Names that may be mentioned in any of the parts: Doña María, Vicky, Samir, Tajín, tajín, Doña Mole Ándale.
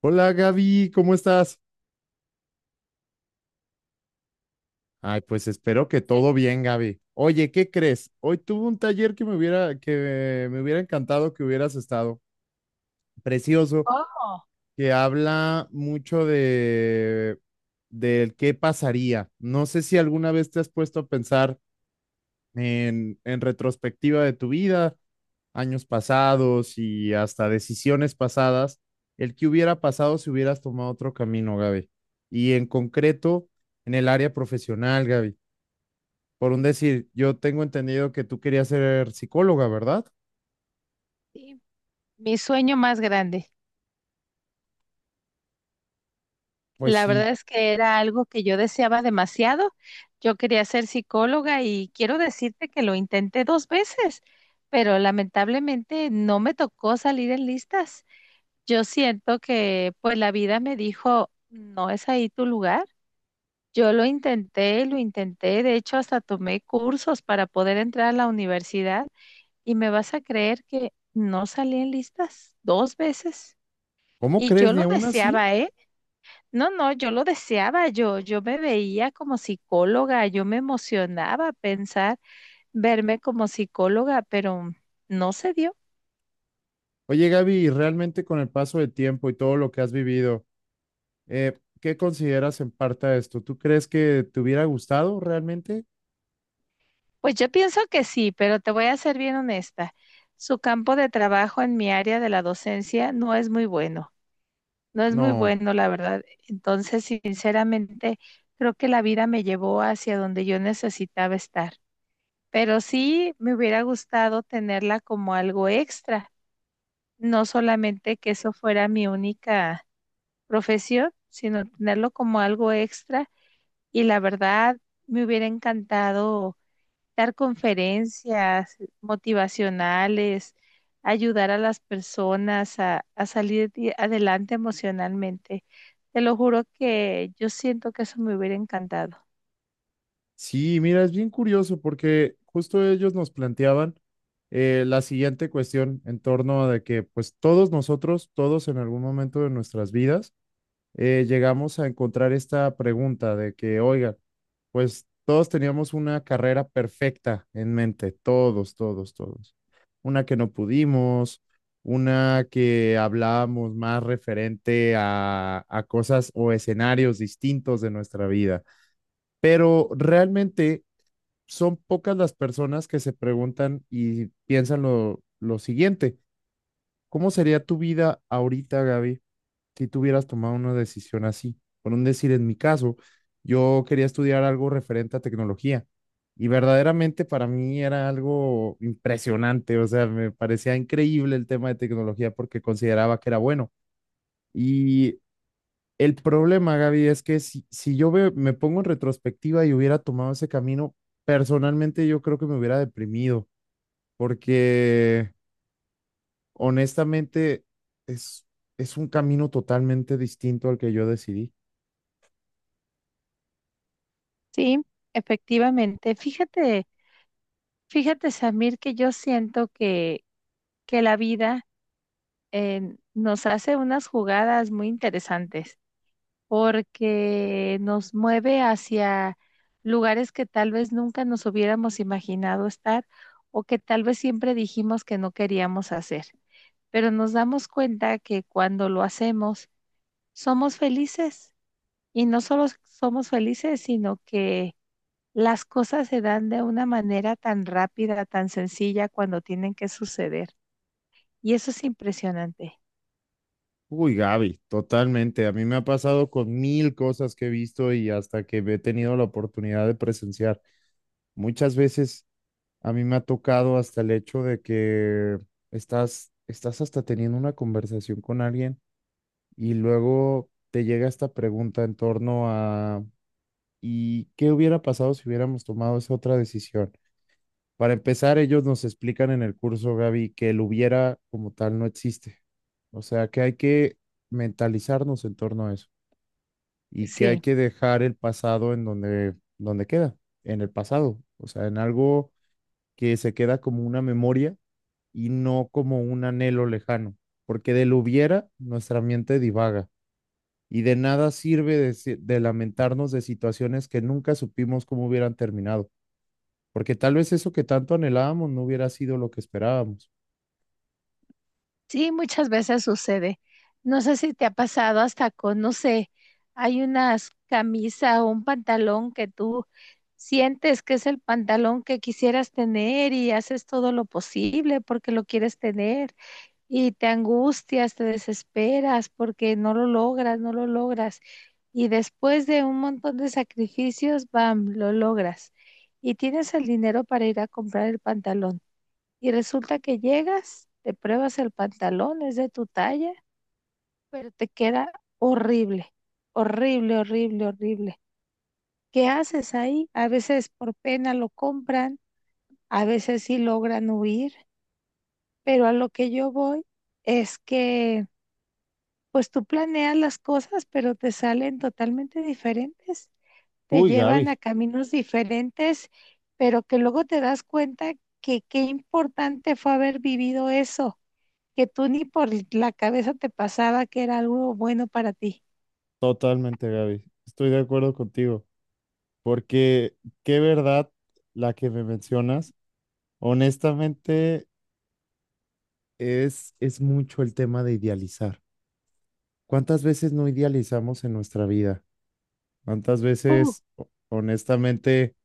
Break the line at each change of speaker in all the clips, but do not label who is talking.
Hola Gaby, ¿cómo estás? Ay, pues espero que todo bien, Gaby. Oye, ¿qué crees? Hoy tuve un taller que me hubiera encantado que hubieras estado. Precioso,
Oh,
que habla mucho de del qué pasaría. No sé si alguna vez te has puesto a pensar en retrospectiva de tu vida, años pasados y hasta decisiones pasadas, el que hubiera pasado si hubieras tomado otro camino, Gaby. Y en concreto, en el área profesional, Gaby. Por un decir, yo tengo entendido que tú querías ser psicóloga, ¿verdad?
sí, mi sueño más grande.
Pues
La
sí.
verdad es que era algo que yo deseaba demasiado. Yo quería ser psicóloga y quiero decirte que lo intenté dos veces, pero lamentablemente no me tocó salir en listas. Yo siento que pues la vida me dijo, no es ahí tu lugar. Yo lo intenté, de hecho hasta tomé cursos para poder entrar a la universidad y me vas a creer que no salí en listas dos veces.
¿Cómo
Y
crees?
yo
Ni
lo
aún así.
deseaba, ¿eh? No, no, yo lo deseaba, yo me veía como psicóloga, yo me emocionaba pensar verme como psicóloga, pero no se dio.
Oye, Gaby, realmente con el paso del tiempo y todo lo que has vivido, ¿qué consideras en parte de esto? ¿Tú crees que te hubiera gustado realmente?
Pues yo pienso que sí, pero te voy a ser bien honesta. Su campo de trabajo en mi área de la docencia no es muy bueno, no es muy
No.
bueno, la verdad. Entonces, sinceramente, creo que la vida me llevó hacia donde yo necesitaba estar. Pero sí me hubiera gustado tenerla como algo extra, no solamente que eso fuera mi única profesión, sino tenerlo como algo extra. Y la verdad, me hubiera encantado dar conferencias motivacionales, ayudar a las personas a salir adelante emocionalmente. Te lo juro que yo siento que eso me hubiera encantado.
Sí, mira, es bien curioso porque justo ellos nos planteaban la siguiente cuestión en torno de que pues todos nosotros, todos en algún momento de nuestras vidas, llegamos a encontrar esta pregunta de que, oiga, pues todos teníamos una carrera perfecta en mente, todos, todos, todos. Una que no pudimos, una que hablábamos más referente a cosas o escenarios distintos de nuestra vida, pero realmente son pocas las personas que se preguntan y piensan lo siguiente, ¿cómo sería tu vida ahorita, Gaby, si tú hubieras tomado una decisión así? Por un decir, en mi caso, yo quería estudiar algo referente a tecnología y verdaderamente para mí era algo impresionante, o sea, me parecía increíble el tema de tecnología porque consideraba que era bueno. Y el problema, Gaby, es que si yo me pongo en retrospectiva y hubiera tomado ese camino, personalmente yo creo que me hubiera deprimido porque honestamente es, es un camino totalmente distinto al que yo decidí.
Sí, efectivamente. Fíjate, fíjate, Samir, que yo siento que la vida nos hace unas jugadas muy interesantes, porque nos mueve hacia lugares que tal vez nunca nos hubiéramos imaginado estar, o que tal vez siempre dijimos que no queríamos hacer. Pero nos damos cuenta que cuando lo hacemos, somos felices, y no solo somos felices, sino que las cosas se dan de una manera tan rápida, tan sencilla cuando tienen que suceder. Y eso es impresionante.
Uy, Gaby, totalmente. A mí me ha pasado con mil cosas que he visto y hasta que he tenido la oportunidad de presenciar. Muchas veces a mí me ha tocado hasta el hecho de que estás hasta teniendo una conversación con alguien y luego te llega esta pregunta en torno a, ¿y qué hubiera pasado si hubiéramos tomado esa otra decisión? Para empezar, ellos nos explican en el curso, Gaby, que el hubiera como tal no existe. O sea, que hay que mentalizarnos en torno a eso, y que hay
Sí.
que dejar el pasado en donde queda, en el pasado, o sea, en algo que se queda como una memoria y no como un anhelo lejano, porque del hubiera nuestra mente divaga y de nada sirve de, si- de lamentarnos de situaciones que nunca supimos cómo hubieran terminado, porque tal vez eso que tanto anhelábamos no hubiera sido lo que esperábamos.
Sí, muchas veces sucede. No sé si te ha pasado hasta con, no sé, hay unas camisa o un pantalón que tú sientes que es el pantalón que quisieras tener, y haces todo lo posible porque lo quieres tener, y te angustias, te desesperas porque no lo logras, no lo logras. Y después de un montón de sacrificios, bam, lo logras. Y tienes el dinero para ir a comprar el pantalón. Y resulta que llegas, te pruebas el pantalón, es de tu talla, pero te queda horrible, horrible, horrible, horrible. ¿Qué haces ahí? A veces por pena lo compran, a veces sí logran huir, pero a lo que yo voy es que pues tú planeas las cosas, pero te salen totalmente diferentes, te
Uy,
llevan a
Gaby,
caminos diferentes, pero que luego te das cuenta que qué importante fue haber vivido eso que tú ni por la cabeza te pasaba que era algo bueno para ti.
totalmente. Gaby, estoy de acuerdo contigo, porque qué verdad la que me mencionas. Honestamente, es mucho el tema de idealizar. ¿Cuántas veces no idealizamos en nuestra vida? ¿Cuántas
Uh,
veces, honestamente,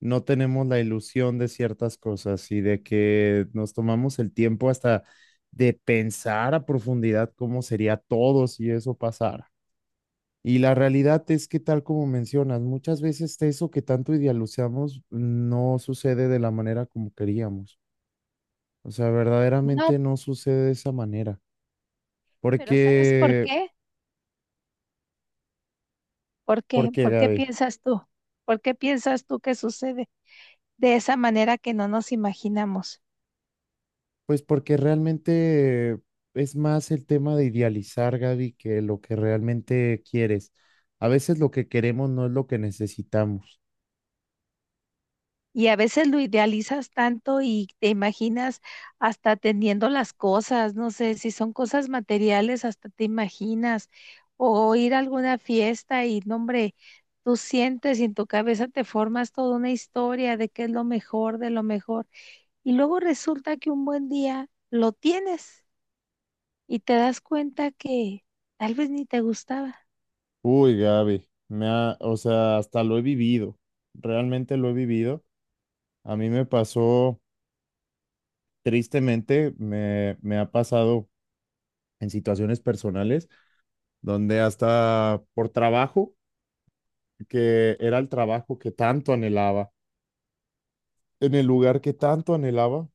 no tenemos la ilusión de ciertas cosas y de que nos tomamos el tiempo hasta de pensar a profundidad cómo sería todo si eso pasara? Y la realidad es que, tal como mencionas, muchas veces eso que tanto idealizamos no sucede de la manera como queríamos. O sea,
no,
verdaderamente no sucede de esa manera.
pero ¿sabes por
Porque,
qué? ¿Por
¿por
qué?
qué,
¿Por qué
Gaby?
piensas tú? ¿Por qué piensas tú que sucede de esa manera que no nos imaginamos?
Pues porque realmente es más el tema de idealizar, Gaby, que lo que realmente quieres. A veces lo que queremos no es lo que necesitamos.
Y a veces lo idealizas tanto y te imaginas hasta teniendo las cosas, no sé, si son cosas materiales, hasta te imaginas, o ir a alguna fiesta y, no, hombre, tú sientes y en tu cabeza te formas toda una historia de qué es lo mejor, de lo mejor. Y luego resulta que un buen día lo tienes y te das cuenta que tal vez ni te gustaba.
Uy, Gaby, o sea, hasta lo he vivido, realmente lo he vivido. A mí me pasó, tristemente, me ha pasado en situaciones personales donde hasta por trabajo, que era el trabajo que tanto anhelaba, en el lugar que tanto anhelaba,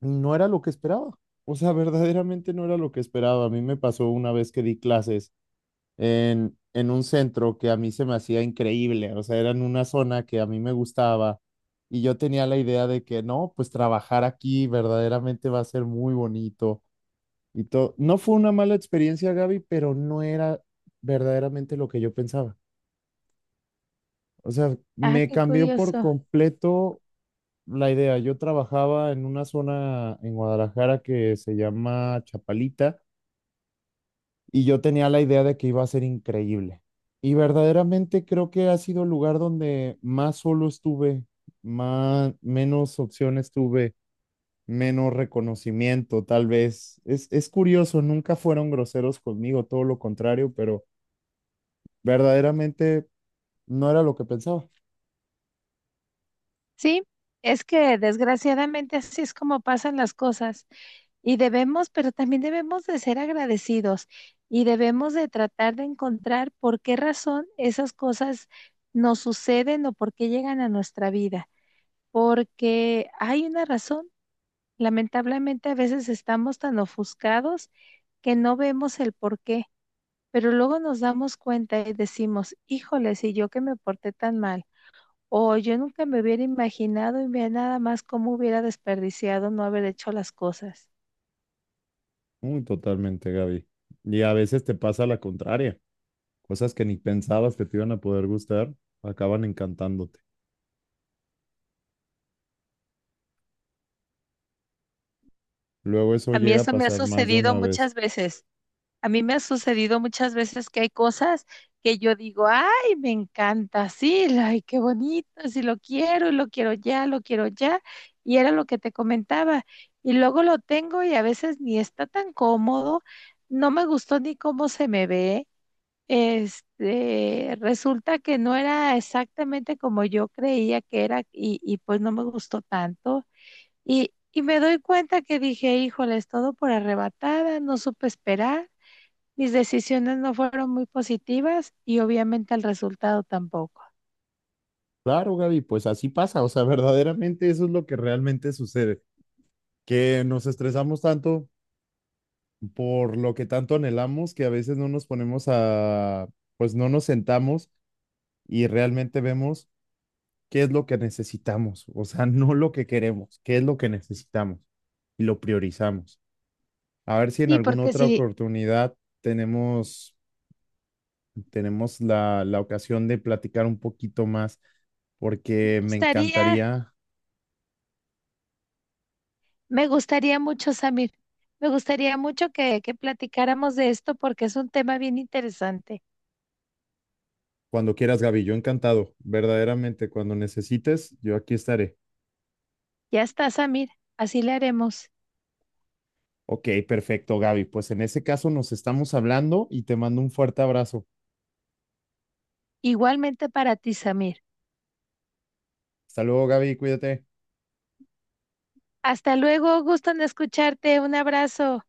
no era lo que esperaba. O sea, verdaderamente no era lo que esperaba. A mí me pasó una vez que di clases en un centro que a mí se me hacía increíble. O sea, era en una zona que a mí me gustaba y yo tenía la idea de que no, pues trabajar aquí verdaderamente va a ser muy bonito y todo. No fue una mala experiencia, Gaby, pero no era verdaderamente lo que yo pensaba. O sea,
Ah,
me
qué
cambió por
curioso.
completo la idea. Yo trabajaba en una zona en Guadalajara que se llama Chapalita y yo tenía la idea de que iba a ser increíble. Y verdaderamente creo que ha sido el lugar donde más solo estuve, más, menos opciones tuve, menos reconocimiento, tal vez. Es curioso, nunca fueron groseros conmigo, todo lo contrario, pero verdaderamente no era lo que pensaba.
Sí, es que desgraciadamente así es como pasan las cosas, y debemos, pero también debemos de ser agradecidos, y debemos de tratar de encontrar por qué razón esas cosas nos suceden o por qué llegan a nuestra vida, porque hay una razón. Lamentablemente a veces estamos tan ofuscados que no vemos el por qué. Pero luego nos damos cuenta y decimos, híjole, si yo que me porté tan mal, o yo nunca me hubiera imaginado, y vea nada más cómo hubiera desperdiciado no haber hecho las cosas.
Muy totalmente, Gaby. Y a veces te pasa la contraria. Cosas que ni pensabas que te iban a poder gustar, acaban encantándote. Luego eso
A mí
llega a
eso me ha
pasar más de
sucedido
una vez.
muchas veces. A mí me ha sucedido muchas veces que hay cosas que yo digo, ay, me encanta, sí, ay, qué bonito, sí lo quiero, y lo quiero ya, lo quiero ya. Y era lo que te comentaba. Y luego lo tengo y a veces ni está tan cómodo, no me gustó ni cómo se me ve. Resulta que no era exactamente como yo creía que era, y pues no me gustó tanto. Y me doy cuenta que dije, ¡híjoles!, todo por arrebatada, no supe esperar, mis decisiones no fueron muy positivas y obviamente el resultado tampoco.
Claro, Gaby, pues así pasa. O sea, verdaderamente eso es lo que realmente sucede. Que nos estresamos tanto por lo que tanto anhelamos que a veces no nos ponemos a, pues no nos sentamos y realmente vemos qué es lo que necesitamos. O sea, no lo que queremos, qué es lo que necesitamos y lo priorizamos. A ver si en
Sí,
alguna
porque
otra
si
oportunidad tenemos tenemos la ocasión de platicar un poquito más,
me
porque me
gustaría.
encantaría,
Me gustaría mucho, Samir. Me gustaría mucho que platicáramos de esto porque es un tema bien interesante.
cuando quieras, Gaby, yo encantado, verdaderamente, cuando necesites, yo aquí estaré.
Ya está, Samir. Así le haremos.
Ok, perfecto, Gaby. Pues en ese caso nos estamos hablando y te mando un fuerte abrazo.
Igualmente para ti, Samir.
Hasta luego, Gaby, cuídate.
Hasta luego. Gusto en escucharte. Un abrazo.